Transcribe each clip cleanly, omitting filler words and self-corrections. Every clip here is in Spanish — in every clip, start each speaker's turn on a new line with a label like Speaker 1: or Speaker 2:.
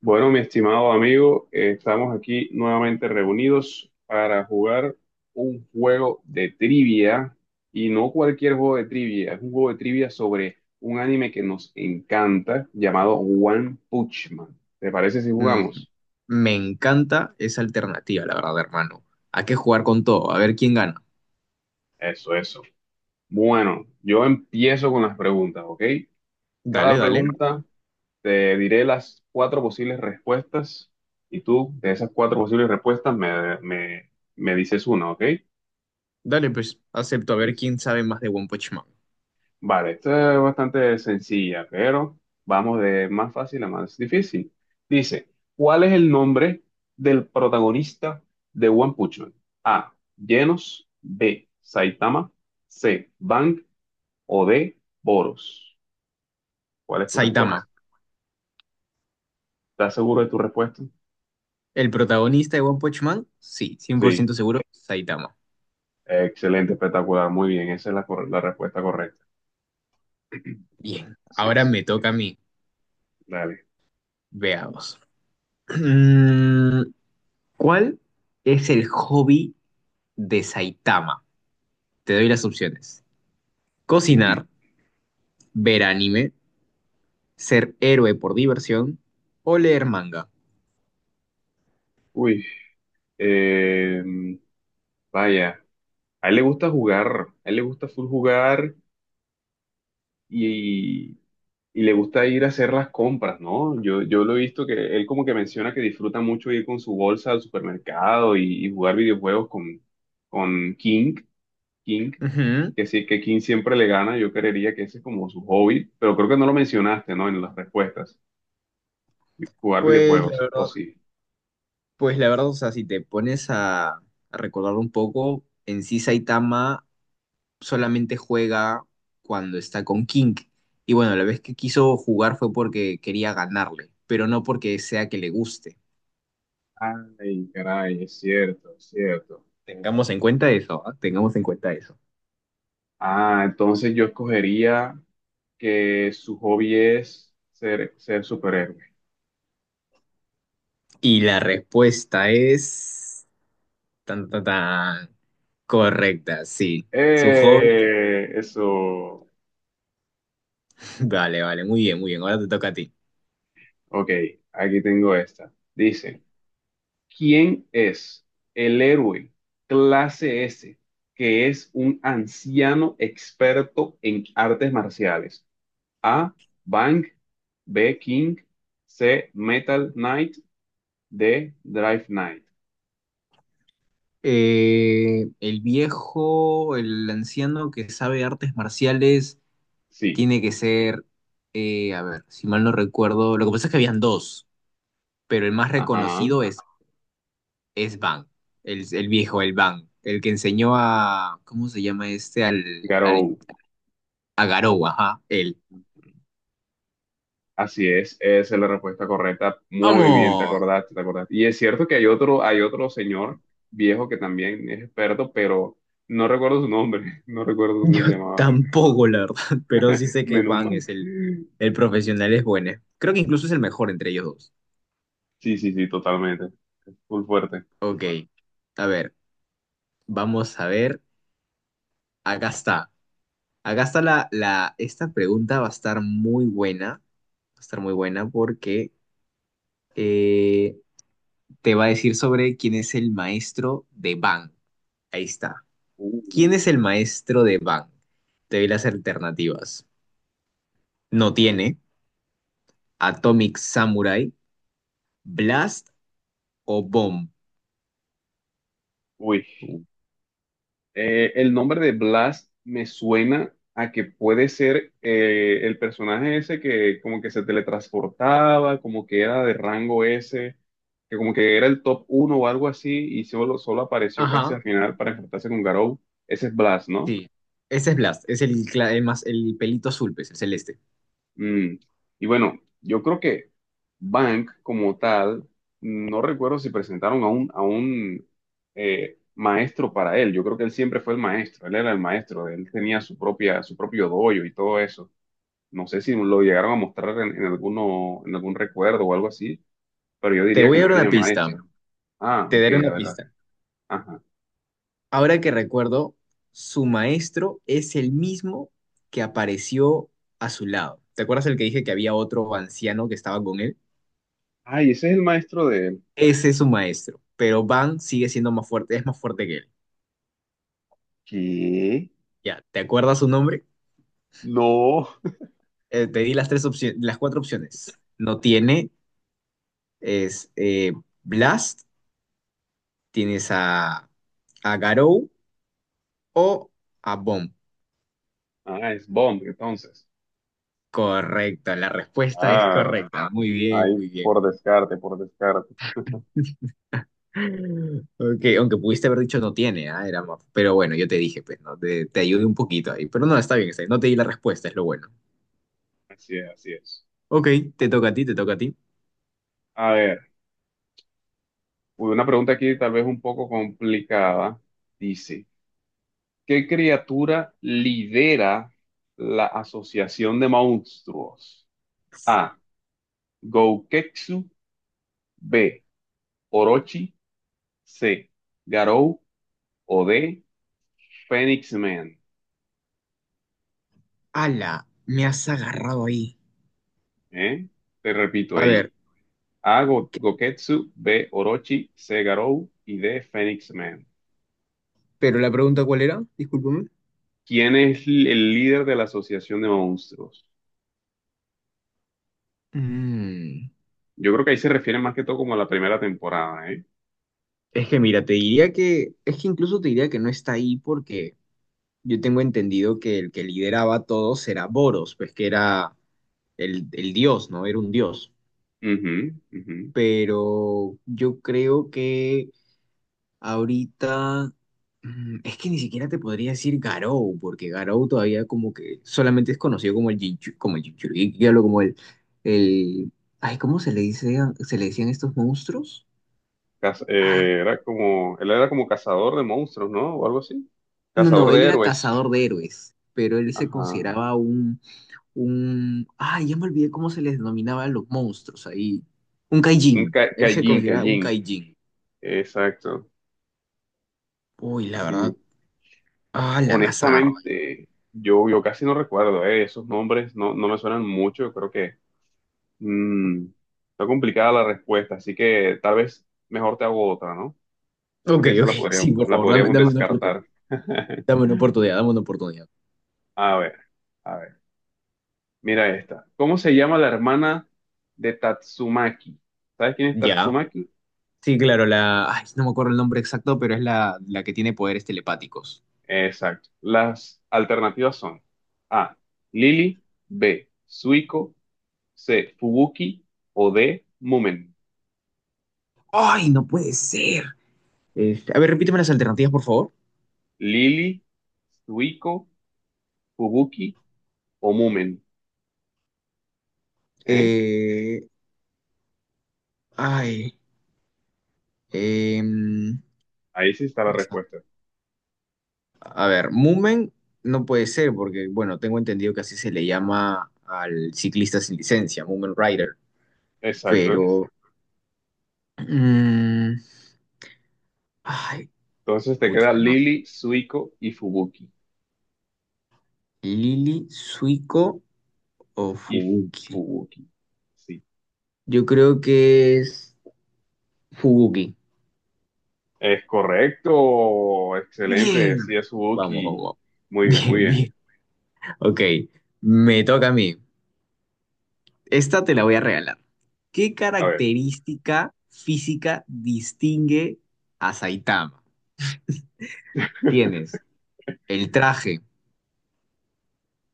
Speaker 1: Bueno, mi estimado amigo, estamos aquí nuevamente reunidos para jugar un juego de trivia y no cualquier juego de trivia, es un juego de trivia sobre un anime que nos encanta llamado One Punch Man. ¿Te parece si
Speaker 2: Mm,
Speaker 1: jugamos?
Speaker 2: me encanta esa alternativa, la verdad, hermano. ¿A qué jugar con todo? A ver quién gana.
Speaker 1: Eso, eso. Bueno, yo empiezo con las preguntas, ¿ok? Cada
Speaker 2: Dale, dale.
Speaker 1: pregunta te diré las cuatro posibles respuestas y tú de esas cuatro posibles respuestas me dices una, ¿ok?
Speaker 2: Dale, pues acepto a ver
Speaker 1: Listo.
Speaker 2: quién sabe más de One Punch Man.
Speaker 1: Vale, esta es bastante sencilla, pero vamos de más fácil a más difícil. Dice, ¿cuál es el nombre del protagonista de One Punch Man? A. Genos, B. Saitama, C. Bang o D. Boros. ¿Cuál es tu respuesta?
Speaker 2: Saitama.
Speaker 1: ¿Estás seguro de tu respuesta?
Speaker 2: ¿El protagonista de One Punch Man? Sí, cien por
Speaker 1: Sí,
Speaker 2: ciento seguro, Saitama.
Speaker 1: excelente, espectacular, muy bien, esa es la, cor- la respuesta correcta.
Speaker 2: Bien,
Speaker 1: Así
Speaker 2: ahora
Speaker 1: es,
Speaker 2: me toca a mí.
Speaker 1: dale.
Speaker 2: Veamos. Mm, ¿Cuál es el hobby de Saitama? Te doy las opciones.
Speaker 1: Ujú.
Speaker 2: Cocinar, ver anime, ser héroe por diversión o leer manga.
Speaker 1: Uy, eh, vaya, a él le gusta jugar, a él le gusta full jugar. y, y le gusta ir a hacer las compras, ¿no? Yo lo he visto que él como que menciona que disfruta mucho ir con su bolsa al supermercado y jugar videojuegos con King, King,
Speaker 2: Ujú.
Speaker 1: que sí, que King siempre le gana, yo creería que ese es como su hobby, pero creo que no lo mencionaste, ¿no? En las respuestas, jugar
Speaker 2: Pues la
Speaker 1: videojuegos, o
Speaker 2: verdad,
Speaker 1: sí.
Speaker 2: pues la verdad, o sea, si te pones a recordar un poco, en sí Saitama solamente juega cuando está con King. Y bueno, la vez que quiso jugar fue porque quería ganarle, pero no porque sea que le guste.
Speaker 1: Ay, caray, es cierto, es cierto.
Speaker 2: Tengamos en cuenta eso, ¿ah? Tengamos en cuenta eso.
Speaker 1: Ah, entonces yo escogería que su hobby es ser superhéroe.
Speaker 2: Y la respuesta es tan tan tan correcta, sí. Su hobby.
Speaker 1: Eso.
Speaker 2: Vale, vale, muy bien, muy bien. Ahora te toca a ti.
Speaker 1: Ok, aquí tengo esta. Dice, ¿quién es el héroe clase S que es un anciano experto en artes marciales? A, Bang, B, King, C, Metal Knight, D, Drive Knight.
Speaker 2: El viejo, el anciano que sabe artes marciales,
Speaker 1: Sí,
Speaker 2: tiene que ser, a ver, si mal no recuerdo, lo que pasa es que habían dos, pero el más
Speaker 1: ajá,
Speaker 2: reconocido es Bang, el viejo, el Bang, el que enseñó a, ¿cómo se llama este? Al, al,
Speaker 1: Garou.
Speaker 2: a Garou, ajá, él.
Speaker 1: Así es, esa es la respuesta correcta. Muy bien, te
Speaker 2: ¡Vamos!
Speaker 1: acordaste, te acordaste. Y es cierto que hay otro señor viejo que también es experto, pero no recuerdo su nombre, no recuerdo cómo
Speaker 2: Yo
Speaker 1: se llamaba.
Speaker 2: tampoco, la verdad, pero sí sé que
Speaker 1: Menos
Speaker 2: Bang
Speaker 1: mal.
Speaker 2: es
Speaker 1: Sí,
Speaker 2: el profesional, es bueno. Creo que incluso es el mejor entre ellos dos.
Speaker 1: sí, sí, totalmente. Es muy fuerte.
Speaker 2: Ok, a ver, vamos a ver. Acá está. Acá está la esta pregunta va a estar muy buena. Va a estar muy buena porque eh, te va a decir sobre quién es el maestro de Bang. Ahí está. ¿Quién
Speaker 1: Uh,
Speaker 2: es el maestro de Bang? Te doy las alternativas. No tiene, Atomic Samurai, Blast o Bomb.
Speaker 1: uy.
Speaker 2: Uh,
Speaker 1: El nombre de Blas me suena a que puede ser el personaje ese que como que se teletransportaba, como que era de rango S, que como que era el top uno o algo así y solo apareció casi
Speaker 2: Ajá,
Speaker 1: al final para enfrentarse con Garou. Ese es Blas, ¿no?
Speaker 2: sí. Ese es Blast, es el más, el pelito azul, pues, el celeste.
Speaker 1: Mm, y bueno, yo creo que Bank como tal, no recuerdo si presentaron a a un maestro para él. Yo creo que él siempre fue el maestro, él era el maestro, él tenía su propia, su propio dojo y todo eso. No sé si lo llegaron a mostrar en alguno, en algún recuerdo o algo así, pero yo
Speaker 2: Te
Speaker 1: diría que
Speaker 2: voy a
Speaker 1: no
Speaker 2: dar una sí,
Speaker 1: tiene
Speaker 2: pista.
Speaker 1: maestro. Ah,
Speaker 2: Te
Speaker 1: ok,
Speaker 2: daré
Speaker 1: a
Speaker 2: una
Speaker 1: ver,
Speaker 2: pista.
Speaker 1: ajá.
Speaker 2: Ahora que recuerdo, su maestro es el mismo que apareció a su lado. ¿Te acuerdas el que dije que había otro anciano que estaba con él?
Speaker 1: Ay, ese es el maestro de él.
Speaker 2: Ese es su maestro, pero Van sigue siendo más fuerte, es más fuerte que él.
Speaker 1: ¿Qué?
Speaker 2: Ya, ¿te acuerdas su nombre?
Speaker 1: No.
Speaker 2: Te di las tres opciones, las cuatro opciones. No tiene, es Blast, tienes a Garou o a Bomb.
Speaker 1: Ah, es Bond, entonces.
Speaker 2: Correcto, la respuesta es
Speaker 1: Claro,
Speaker 2: correcta. Muy bien,
Speaker 1: ahí
Speaker 2: muy bien.
Speaker 1: por descarte, por descarte.
Speaker 2: Ok, aunque pudiste haber dicho no tiene, ah, era más- pero bueno, yo te dije, pues, ¿no? Te ayudé un poquito ahí, pero no, está bien, no te di la respuesta, es lo bueno.
Speaker 1: Así es, así es.
Speaker 2: Ok, te toca a ti, te toca a ti.
Speaker 1: A ver, una pregunta aquí tal vez un poco complicada. Dice, ¿qué criatura lidera la Asociación de Monstruos? A. Gouketsu. B. Orochi. C. Garou. O D. Phoenix Man.
Speaker 2: ¡Hala! Me has agarrado ahí.
Speaker 1: ¿Eh? Te repito
Speaker 2: A ver,
Speaker 1: ahí. A. Go-
Speaker 2: ¿qué-
Speaker 1: Goketsu. B. Orochi. C. Garou. Y D. Phoenix Man.
Speaker 2: pero la pregunta ¿cuál era? Discúlpame.
Speaker 1: ¿Quién es l- el líder de la Asociación de Monstruos?
Speaker 2: Mm,
Speaker 1: Yo creo que ahí se refiere más que todo como a la primera temporada, ¿eh?
Speaker 2: es que mira, te diría que, es que incluso te diría que no está ahí porque yo tengo entendido que el que lideraba todo era Boros, pues que era el dios, ¿no? Era un dios.
Speaker 1: Ujú, ujú.
Speaker 2: Pero yo creo que... Ahorita, es que ni siquiera te podría decir Garou, porque Garou todavía como que solamente es conocido como el Jinchu, como el Jinchuriki, hablo como el, ay, ¿cómo se le dice, a- se le decían estos monstruos?
Speaker 1: Caz-
Speaker 2: Ay,
Speaker 1: era como, él era como cazador de monstruos, ¿no? O algo así.
Speaker 2: no, no,
Speaker 1: Cazador
Speaker 2: él
Speaker 1: de
Speaker 2: era
Speaker 1: héroes.
Speaker 2: cazador de héroes, pero él se
Speaker 1: Ajá.
Speaker 2: consideraba ay, ya me olvidé cómo se les denominaba a los monstruos ahí, un
Speaker 1: Un
Speaker 2: Kaijin,
Speaker 1: ca-
Speaker 2: él se
Speaker 1: Callín,
Speaker 2: consideraba un
Speaker 1: Callín.
Speaker 2: Kaijin.
Speaker 1: Exacto.
Speaker 2: Uy, la verdad,
Speaker 1: Sí.
Speaker 2: ah, la me has agarrado.
Speaker 1: Honestamente, yo casi no recuerdo, ¿eh? Esos nombres no me suenan mucho. Yo creo que mm, está complicada la respuesta, así que tal vez mejor te hago otra, ¿no?
Speaker 2: Ok,
Speaker 1: Porque esa
Speaker 2: ok, sí, por
Speaker 1: la
Speaker 2: favor, dame,
Speaker 1: podríamos
Speaker 2: dame una oportunidad.
Speaker 1: descartar.
Speaker 2: Dame una oportunidad, dame una oportunidad.
Speaker 1: A ver, a ver. Mira esta. ¿Cómo se llama la hermana de Tatsumaki? ¿Sabes quién es
Speaker 2: Ya.
Speaker 1: Tatsumaki?
Speaker 2: Sí, claro, la. Ay, no me acuerdo el nombre exacto, pero es la que tiene poderes telepáticos.
Speaker 1: Exacto. Las alternativas son A. Lily. B. Suiko. C. Fubuki. O D. Mumen.
Speaker 2: ¡Ay, no puede ser! Este, a ver, repíteme las alternativas, por favor.
Speaker 1: Lily, Suiko, Fubuki o Mumen. ¿Eh?
Speaker 2: Eh, ay. em,
Speaker 1: Ahí sí está la respuesta.
Speaker 2: a ver, Moomin no puede ser, porque, bueno, tengo entendido que así se le llama al ciclista sin licencia, Moomin Rider.
Speaker 1: Exacto.
Speaker 2: Pero. mm, ay,
Speaker 1: Entonces te queda
Speaker 2: pucha, no.
Speaker 1: Lily, Suiko y Fubuki.
Speaker 2: Lili, Suiko o
Speaker 1: Y
Speaker 2: Fubuki.
Speaker 1: Fubuki. Sí.
Speaker 2: Yo creo que es Fubuki.
Speaker 1: Es correcto, excelente,
Speaker 2: Bien.
Speaker 1: sí es
Speaker 2: Vamos,
Speaker 1: Suzuki.
Speaker 2: vamos.
Speaker 1: Muy bien, muy
Speaker 2: Bien,
Speaker 1: bien.
Speaker 2: bien. Ok, me toca a mí. Esta te la voy a regalar. ¿Qué
Speaker 1: A ver.
Speaker 2: característica física distingue a Saitama? Tienes el traje,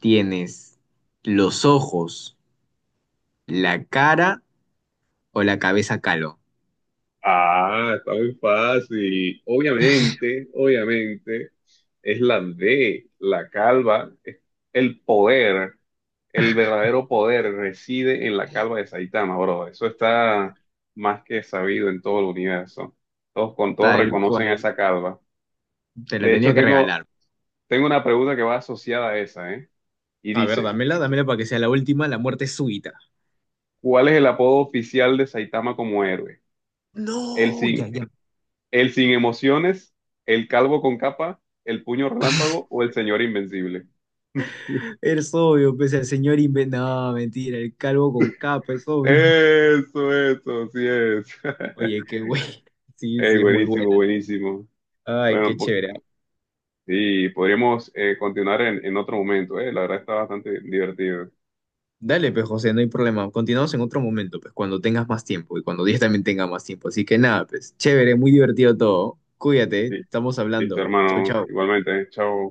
Speaker 2: tienes los ojos, la cara o la cabeza calo.
Speaker 1: Ah, está muy fácil. Obviamente, obviamente, es la D, la calva. Es el poder, el verdadero poder reside en la calva de Saitama, bro. Eso está más que sabido en todo el universo. Todos
Speaker 2: Tal bueno,
Speaker 1: reconocen a
Speaker 2: cual,
Speaker 1: esa calva.
Speaker 2: te la
Speaker 1: De
Speaker 2: tenía
Speaker 1: hecho,
Speaker 2: que regalar.
Speaker 1: tengo una pregunta que va asociada a esa, ¿eh? Y
Speaker 2: A ver,
Speaker 1: dice...
Speaker 2: dámela, dámela para que sea la última, la muerte súbita.
Speaker 1: ¿Cuál es el apodo oficial de Saitama como héroe? ¿El
Speaker 2: No, ya,
Speaker 1: sin,
Speaker 2: ya.
Speaker 1: el sin emociones, el calvo con capa, el puño relámpago o el señor invencible?
Speaker 2: Es obvio, pues el señor inventa. No, mentira, el calvo con capa, es obvio.
Speaker 1: Eso, sí es.
Speaker 2: Oye, qué güey. Sí,
Speaker 1: Ey,
Speaker 2: sí, es muy
Speaker 1: buenísimo,
Speaker 2: buena, ¿no?
Speaker 1: buenísimo.
Speaker 2: Ay, qué
Speaker 1: Bueno, po-
Speaker 2: chévere.
Speaker 1: sí, podríamos continuar en otro momento, eh. La verdad está bastante divertido.
Speaker 2: Dale, pues, José, no hay problema. Continuamos en otro momento, pues, cuando tengas más tiempo y cuando Díaz también tenga más tiempo. Así que nada, pues, chévere, muy divertido todo. Cuídate,
Speaker 1: Sí,
Speaker 2: estamos
Speaker 1: listo,
Speaker 2: hablando. Chau,
Speaker 1: hermano.
Speaker 2: chau.
Speaker 1: Igualmente, eh. Chao.